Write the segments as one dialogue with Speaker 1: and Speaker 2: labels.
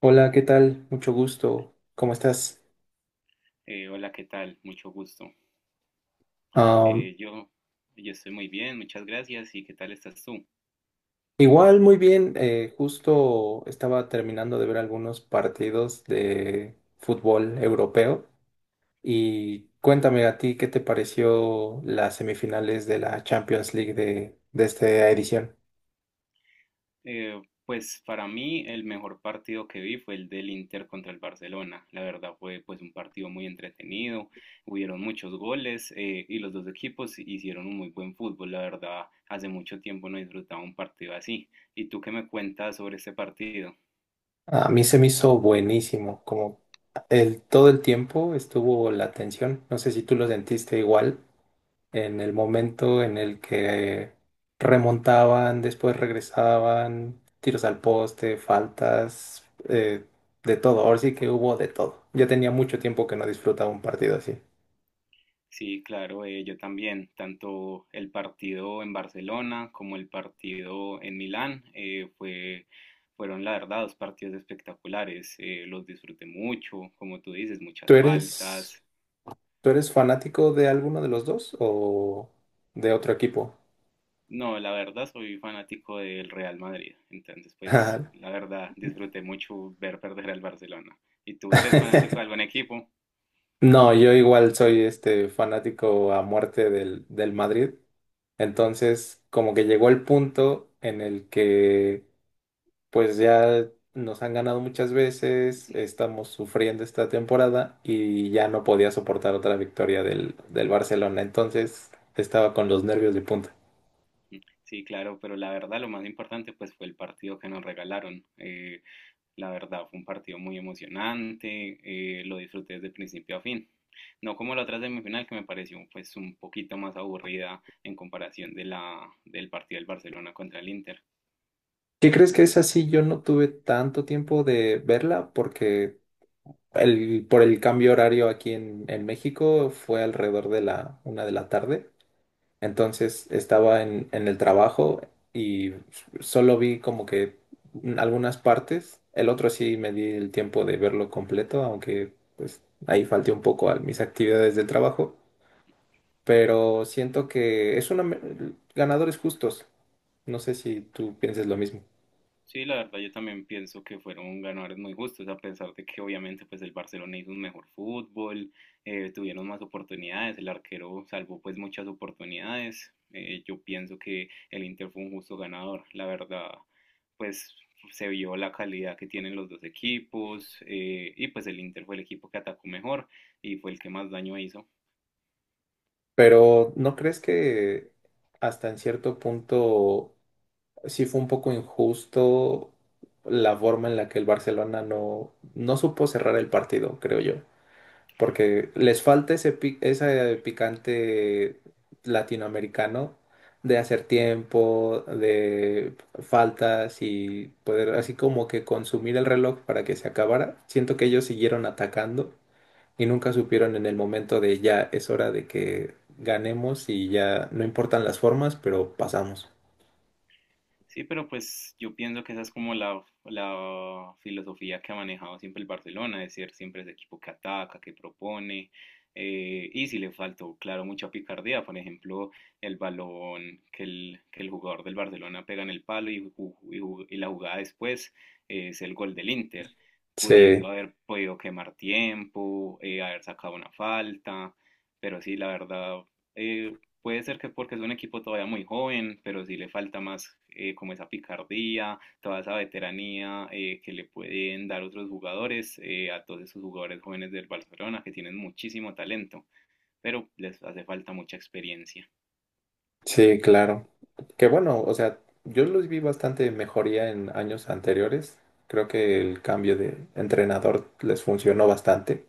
Speaker 1: Hola, ¿qué tal? Mucho gusto. ¿Cómo estás?
Speaker 2: Hola, ¿qué tal? Mucho gusto.
Speaker 1: Am,
Speaker 2: Eh, yo, yo estoy muy bien, muchas gracias. ¿Y qué tal estás tú?
Speaker 1: Igual, muy bien. Justo estaba terminando de ver algunos partidos de fútbol europeo. Y cuéntame a ti, ¿qué te pareció las semifinales de la Champions League de esta edición?
Speaker 2: Eh, pues para mí el mejor partido que vi fue el del Inter contra el Barcelona. La verdad fue pues un partido muy entretenido, hubieron muchos goles y los dos equipos hicieron un muy buen fútbol. La verdad, hace mucho tiempo no disfrutaba un partido así. ¿Y tú qué me cuentas sobre ese partido?
Speaker 1: A mí se me hizo buenísimo, como todo el tiempo estuvo la tensión. No sé si tú lo sentiste igual. En el momento en el que remontaban, después regresaban, tiros al poste, faltas, de todo. Ahora sí que hubo de todo. Ya tenía mucho tiempo que no disfrutaba un partido así.
Speaker 2: Sí, claro, yo también, tanto el partido en Barcelona como el partido en Milán, fueron la verdad dos partidos espectaculares, los disfruté mucho, como tú dices, muchas
Speaker 1: ¿Tú eres,
Speaker 2: faltas.
Speaker 1: tú eres fanático de alguno de los dos o de otro equipo?
Speaker 2: No, la verdad soy fanático del Real Madrid, entonces pues la verdad disfruté mucho ver perder al Barcelona. ¿Y tú eres fanático de algún equipo?
Speaker 1: No, yo igual soy este fanático a muerte del Madrid. Entonces, como que llegó el punto en el que pues ya nos han ganado muchas veces, estamos sufriendo esta temporada y ya no podía soportar otra victoria del Barcelona, entonces estaba con los nervios de punta.
Speaker 2: Sí, claro, pero la verdad lo más importante pues fue el partido que nos regalaron. La verdad, fue un partido muy emocionante, lo disfruté desde principio a fin. No como la otra semifinal que me pareció pues un poquito más aburrida en comparación del partido del Barcelona contra el Inter.
Speaker 1: ¿Qué crees que es así? Yo no tuve tanto tiempo de verla porque por el cambio horario aquí en México fue alrededor de la una de la tarde. Entonces estaba en el trabajo y solo vi como que algunas partes. El otro sí me di el tiempo de verlo completo, aunque pues ahí falté un poco a mis actividades del trabajo. Pero siento que es ganadores justos. No sé si tú pienses lo mismo.
Speaker 2: Sí, la verdad yo también pienso que fueron ganadores muy justos, a pesar de que obviamente pues el Barcelona hizo un mejor fútbol, tuvieron más oportunidades, el arquero salvó pues muchas oportunidades. Yo pienso que el Inter fue un justo ganador, la verdad pues se vio la calidad que tienen los dos equipos y pues el Inter fue el equipo que atacó mejor y fue el que más daño hizo.
Speaker 1: Pero ¿no crees que hasta en cierto punto sí fue un poco injusto la forma en la que el Barcelona no supo cerrar el partido, creo yo? Porque les falta ese picante latinoamericano de hacer tiempo, de faltas y poder así como que consumir el reloj para que se acabara. Siento que ellos siguieron atacando y nunca supieron en el momento de ya es hora de que ganemos y ya no importan las formas, pero pasamos.
Speaker 2: Sí, pero pues yo pienso que esa es como la filosofía que ha manejado siempre el Barcelona, de ser siempre ese equipo que ataca, que propone. Y si le faltó, claro, mucha picardía, por ejemplo, el balón que el jugador del Barcelona pega en el palo y la jugada después es el gol del Inter, pudiendo
Speaker 1: Sí,
Speaker 2: haber podido quemar tiempo, haber sacado una falta. Pero sí, la verdad, eh, puede ser que porque es un equipo todavía muy joven, pero sí le falta más como esa picardía, toda esa veteranía que le pueden dar otros jugadores, a todos esos jugadores jóvenes del Barcelona que tienen muchísimo talento, pero les hace falta mucha experiencia.
Speaker 1: sí, claro. Que bueno, o sea, yo los vi bastante mejoría en años anteriores. Creo que el cambio de entrenador les funcionó bastante.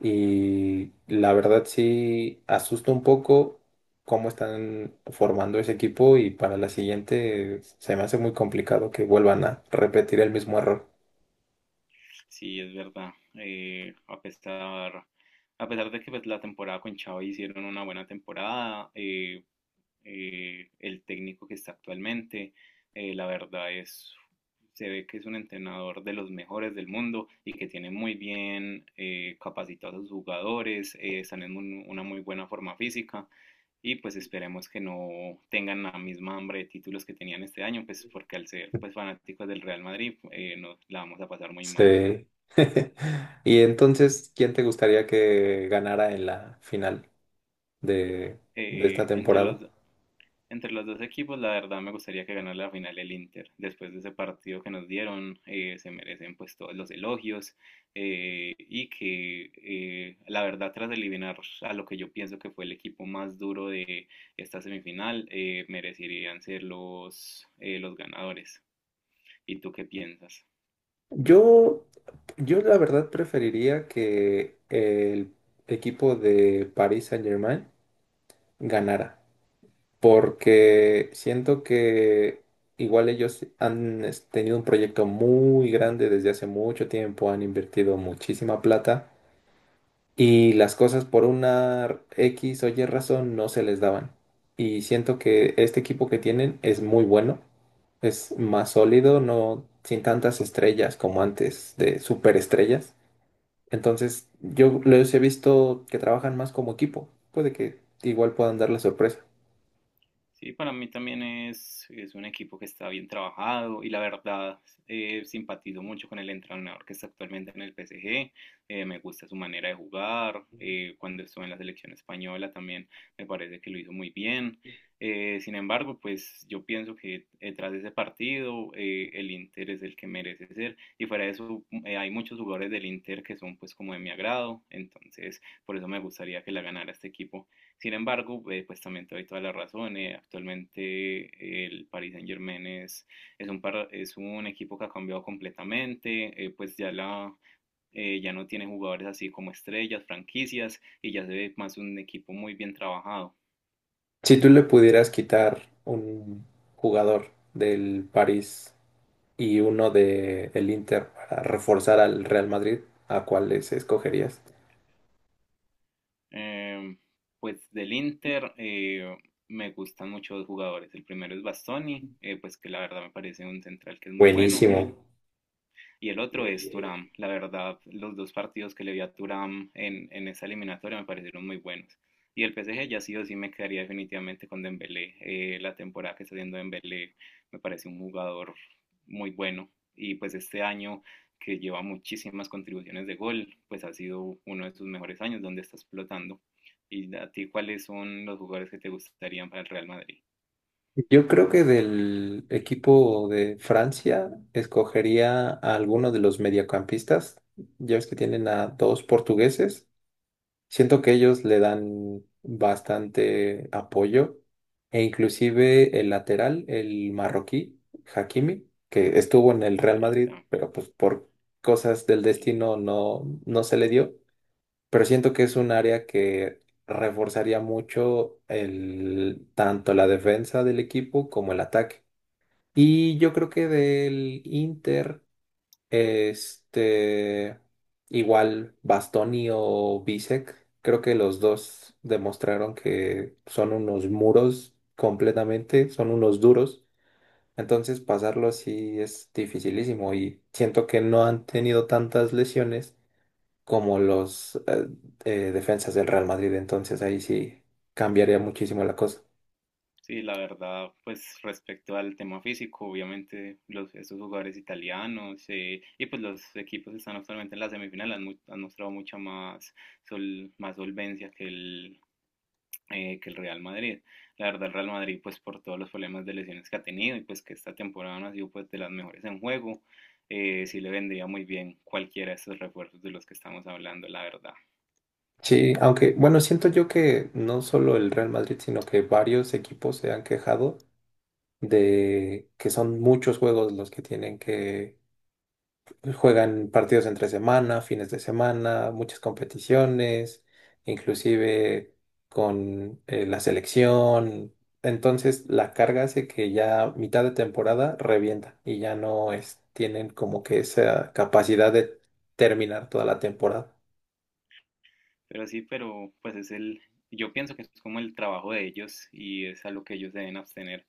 Speaker 1: Y la verdad sí asusta un poco cómo están formando ese equipo y para la siguiente se me hace muy complicado que vuelvan a repetir el mismo error.
Speaker 2: Sí, es verdad. A pesar de que pues, la temporada con Xavi hicieron una buena temporada, el técnico que está actualmente, la verdad es, se ve que es un entrenador de los mejores del mundo y que tiene muy bien capacitados a sus jugadores, están en una muy buena forma física y pues esperemos que no tengan la misma hambre de títulos que tenían este año, pues porque al ser pues fanáticos del Real Madrid, nos la vamos a pasar muy mal.
Speaker 1: Sí. Y entonces, ¿quién te gustaría que ganara en la final de, de esta
Speaker 2: eh, entre
Speaker 1: temporada?
Speaker 2: los, do- entre los dos equipos, la verdad me gustaría que ganara la final el Inter. Después de ese partido que nos dieron, se merecen pues todos los elogios y que la verdad tras eliminar a lo que yo pienso que fue el equipo más duro de esta semifinal, merecerían ser los ganadores. ¿Y tú qué piensas?
Speaker 1: Yo, yo la verdad preferiría que el equipo de Paris Saint-Germain ganara, porque siento que igual ellos han tenido un proyecto muy grande desde hace mucho tiempo, han invertido muchísima plata y las cosas por una X o Y razón no se les daban. Y siento que este equipo que tienen es muy bueno, es más sólido, no sin tantas estrellas como antes de superestrellas. Entonces, yo los he visto que trabajan más como equipo. Puede que igual puedan dar la sorpresa.
Speaker 2: Sí, para mí también es un equipo que está bien trabajado y la verdad simpatizo mucho con el entrenador que está actualmente en el PSG. Me gusta su manera de jugar. Cuando estuvo en la selección española también me parece que lo hizo muy bien. Sin embargo, pues yo pienso que tras ese partido el Inter es el que merece ser y fuera de eso hay muchos jugadores del Inter que son pues como de mi agrado. Entonces, por eso me gustaría que la ganara este equipo. Sin embargo, pues también te doy toda la razón. Actualmente el Paris Saint-Germain es un equipo que ha cambiado completamente. Pues ya no tiene jugadores así como estrellas, franquicias, y ya se ve más un equipo muy bien trabajado.
Speaker 1: Si tú le pudieras quitar un jugador del París y uno del Inter para reforzar al Real Madrid, ¿a cuáles escogerías?
Speaker 2: Em, pues del Inter me gustan mucho dos jugadores. El primero es Bastoni, pues que la verdad me parece un central que es muy bueno.
Speaker 1: Buenísimo.
Speaker 2: Y el otro es Turam. La verdad, los dos partidos que le vi a Turam en esa eliminatoria me parecieron muy buenos. Y el PSG ya sí o sí me quedaría definitivamente con Dembélé. La temporada que está haciendo Dembélé me parece un jugador muy bueno. Y pues este año que lleva muchísimas contribuciones de gol, pues ha sido uno de sus mejores años donde está explotando. ¿Y a ti cuáles son los jugadores que te gustarían para el Real Madrid?
Speaker 1: Yo creo que del equipo de Francia escogería a alguno de los mediocampistas. Ya ves que tienen a dos portugueses. Siento que ellos le dan bastante apoyo e inclusive el lateral, el marroquí, Hakimi, que estuvo en el Real
Speaker 2: Y,
Speaker 1: Madrid,
Speaker 2: ya,
Speaker 1: pero pues por cosas del
Speaker 2: y
Speaker 1: destino no se le dio, pero siento que es un área que reforzaría mucho tanto la defensa del equipo como el ataque. Y yo creo que del Inter, este, igual Bastoni o Bisek, creo que los dos demostraron que son unos muros completamente, son unos duros. Entonces pasarlo sí es dificilísimo y siento que no han tenido tantas lesiones como los defensas del Real Madrid, entonces ahí sí cambiaría muchísimo la cosa.
Speaker 2: Sí, la verdad, pues respecto al tema físico, obviamente estos jugadores italianos y pues los equipos que están actualmente en la semifinal han mostrado mucha más solvencia que el Real Madrid. La verdad, el Real Madrid, pues por todos los problemas de lesiones que ha tenido y pues que esta temporada no ha sido pues de las mejores en juego, sí le vendría muy bien cualquiera de estos refuerzos de los que estamos hablando, la verdad.
Speaker 1: Sí, aunque bueno, siento yo que no solo el Real Madrid, sino que varios equipos se han quejado de que son muchos juegos los que tienen que. Juegan partidos entre semana, fines de semana, muchas competiciones, inclusive con la selección. Entonces la carga hace que ya mitad de temporada revienta y ya no tienen como que esa capacidad de terminar toda la temporada.
Speaker 2: Pero sí, pero pues yo pienso que es como el trabajo de ellos y es a lo que ellos deben abstener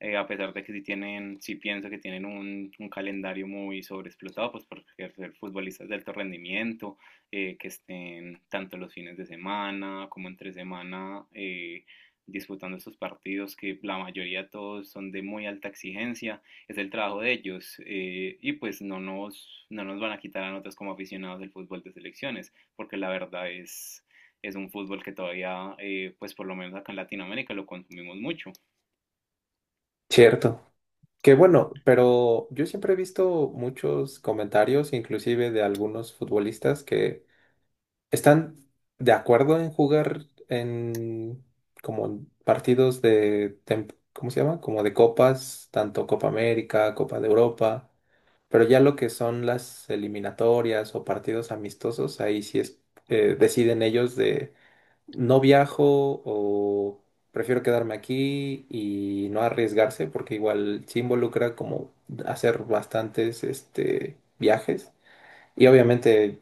Speaker 2: a pesar de que sí pienso que tienen un calendario muy sobreexplotado, pues por ser futbolistas de alto rendimiento, que estén tanto los fines de semana como entre semana disputando estos partidos, que la mayoría de todos son de muy alta exigencia, es el trabajo de ellos, y pues no nos van a quitar a nosotros como aficionados del fútbol de selecciones, porque la verdad es un fútbol que todavía, pues por lo menos acá en Latinoamérica lo consumimos mucho.
Speaker 1: Cierto. Que bueno, pero yo siempre he visto muchos comentarios, inclusive de algunos futbolistas que están de acuerdo en jugar en como partidos ¿cómo se llama? Como de copas, tanto Copa América, Copa de Europa, pero ya lo que son las eliminatorias o partidos amistosos, ahí sí deciden ellos de no viajo o prefiero quedarme aquí y no arriesgarse porque igual se involucra como hacer bastantes viajes. Y obviamente,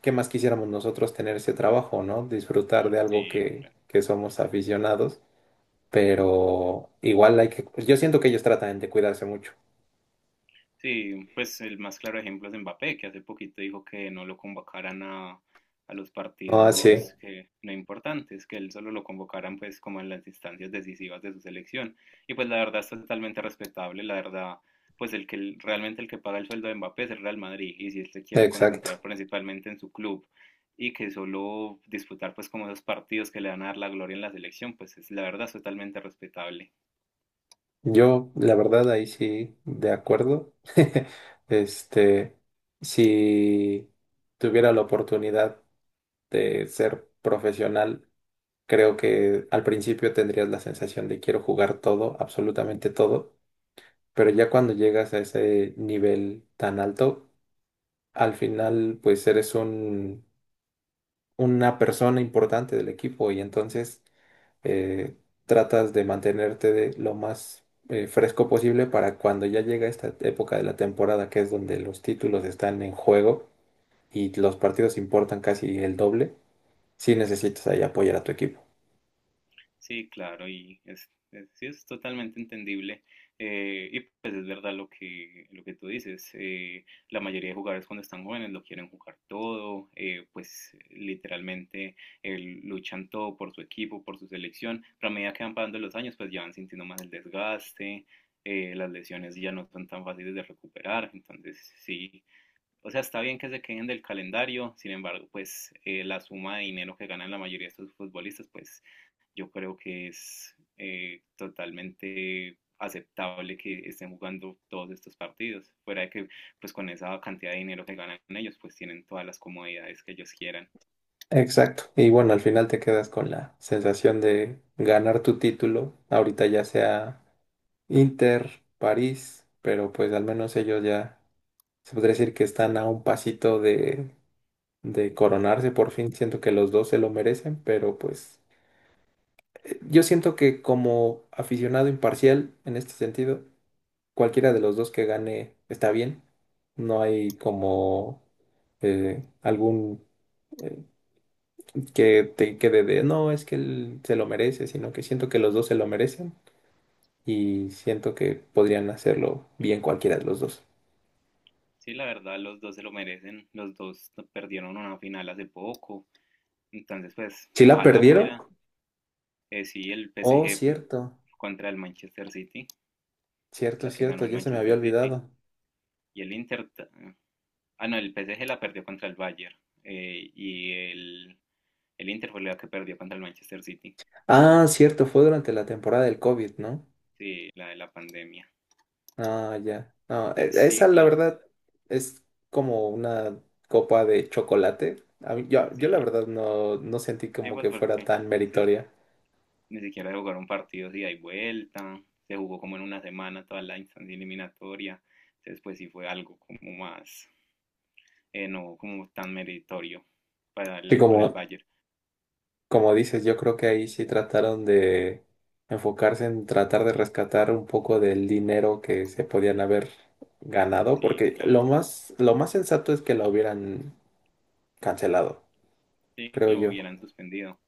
Speaker 1: ¿qué más quisiéramos nosotros tener ese trabajo, ¿no? Disfrutar de algo
Speaker 2: Sí,
Speaker 1: que somos aficionados, pero igual yo siento que ellos tratan de cuidarse mucho.
Speaker 2: Sí, pues el más claro ejemplo es Mbappé, que hace poquito dijo que no lo convocaran a los
Speaker 1: Ah, sí,
Speaker 2: partidos que, no importantes, que él solo lo convocaran pues como en las instancias decisivas de su selección. Y pues la verdad es totalmente respetable, la verdad, pues realmente el que paga el sueldo de Mbappé es el Real Madrid, y si él se quiere
Speaker 1: exacto.
Speaker 2: concentrar principalmente en su club y que solo disputar pues como esos partidos que le van a dar la gloria en la selección, pues es, la verdad es totalmente respetable.
Speaker 1: Yo, la verdad, ahí sí, de acuerdo. Este, si tuviera la oportunidad de ser profesional, creo que al principio tendrías la sensación de quiero jugar todo, absolutamente todo, pero ya cuando llegas a ese nivel tan alto, al final pues eres un, una persona importante del equipo y entonces eh, tratas de mantenerte de lo más fresco posible para cuando ya llega esta época de la temporada que es donde los títulos están en juego y los partidos importan casi el doble, si necesitas ahí apoyar a tu equipo.
Speaker 2: Sí, claro, y sí, es totalmente entendible. Y pues es verdad lo que, tú dices. La mayoría de jugadores cuando están jóvenes lo quieren jugar todo, pues literalmente eh, luchan todo por su equipo, por su selección. Pero a medida que van pasando los años, pues ya van sintiendo más el desgaste, las lesiones ya no son tan fáciles de recuperar. Entonces, sí. O sea, está bien que se queden del calendario, sin embargo, pues la suma de dinero que ganan la mayoría de estos futbolistas, pues yo creo que es totalmente aceptable que estén jugando todos estos partidos. Fuera de que, pues con esa cantidad de dinero que ganan ellos, pues tienen todas las comodidades que ellos quieran.
Speaker 1: Exacto. Y bueno, al final te quedas con la sensación de ganar tu título, ahorita ya sea Inter, París, pero pues al menos ellos ya. Se podría decir que están a un pasito de coronarse por fin. Siento que los dos se lo merecen, pero pues yo siento que como aficionado imparcial en este sentido, cualquiera de los dos que gane está bien. No hay como algún eh, que te quede de no, es que él se lo merece, sino que siento que los dos se lo merecen y siento que podrían hacerlo bien cualquiera de los dos.
Speaker 2: Sí, la verdad, los dos se lo merecen. Los dos perdieron una final hace poco. Entonces, pues,
Speaker 1: Si la
Speaker 2: ojalá
Speaker 1: perdieron,
Speaker 2: fuera. Sí, el
Speaker 1: oh,
Speaker 2: PSG
Speaker 1: cierto,
Speaker 2: contra el Manchester City,
Speaker 1: cierto,
Speaker 2: la que
Speaker 1: cierto,
Speaker 2: ganó el
Speaker 1: ya se me había
Speaker 2: Manchester City.
Speaker 1: olvidado.
Speaker 2: Y el Inter. Ah, no, el PSG la perdió contra el Bayern. Eh, y el El Inter fue la que perdió contra el Manchester City.
Speaker 1: Ah, cierto, fue durante la temporada del COVID, ¿no?
Speaker 2: Sí, la de la pandemia.
Speaker 1: Ah, ya. No,
Speaker 2: Entonces, sí,
Speaker 1: esa la
Speaker 2: claro.
Speaker 1: verdad es como una copa de chocolate. Yo la
Speaker 2: Sí,
Speaker 1: verdad no sentí
Speaker 2: sí,
Speaker 1: como
Speaker 2: pues
Speaker 1: que fuera
Speaker 2: porque,
Speaker 1: tan
Speaker 2: o sea,
Speaker 1: meritoria.
Speaker 2: ni siquiera se jugaron partidos de ida y vuelta. Se jugó como en una semana toda la instancia eliminatoria. Entonces, pues sí fue algo como más, no como tan meritorio para
Speaker 1: Y
Speaker 2: el, para el
Speaker 1: como,
Speaker 2: Bayern.
Speaker 1: como dices, yo creo que ahí sí trataron de enfocarse en tratar de rescatar un poco del dinero que se podían haber ganado,
Speaker 2: Sí,
Speaker 1: porque lo
Speaker 2: claro.
Speaker 1: más, lo más sensato es que la hubieran cancelado,
Speaker 2: Sí, que
Speaker 1: creo
Speaker 2: lo
Speaker 1: yo.
Speaker 2: hubieran suspendido.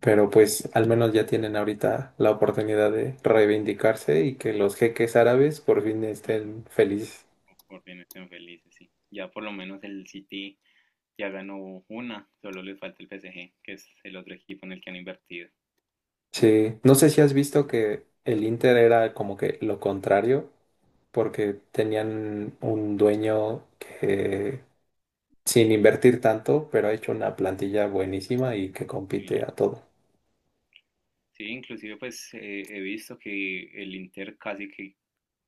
Speaker 1: Pero pues al menos ya tienen ahorita la oportunidad de reivindicarse y que los jeques árabes por fin estén felices.
Speaker 2: Por bien estén felices, sí. Ya por lo menos el City ya ganó una, solo les falta el PSG, que es el otro equipo en el que han invertido.
Speaker 1: Sí, no sé si has visto que el Inter era como que lo contrario, porque tenían un dueño que sin invertir tanto, pero ha hecho una plantilla buenísima y que
Speaker 2: Sí,
Speaker 1: compite a todo.
Speaker 2: Sí, inclusive pues he visto que el Inter casi que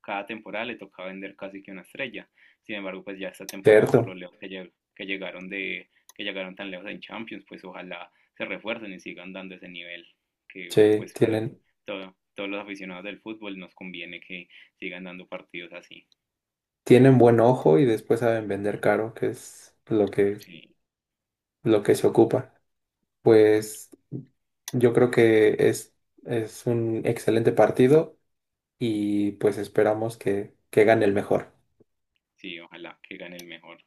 Speaker 2: cada temporada le tocaba vender casi que una estrella. Sin embargo, pues ya esta temporada por lo
Speaker 1: Cierto,
Speaker 2: lejos que, lle- que llegaron de que llegaron tan lejos en Champions, pues ojalá se refuercen y sigan dando ese nivel que
Speaker 1: sí,
Speaker 2: pues para
Speaker 1: tienen,
Speaker 2: todos los aficionados del fútbol nos conviene que sigan dando partidos así.
Speaker 1: tienen buen ojo y después saben vender caro, que es lo que,
Speaker 2: Sí,
Speaker 1: lo que se ocupa. Pues yo creo que es un excelente partido y pues esperamos que gane el mejor.
Speaker 2: sí, ojalá que gane el mejor.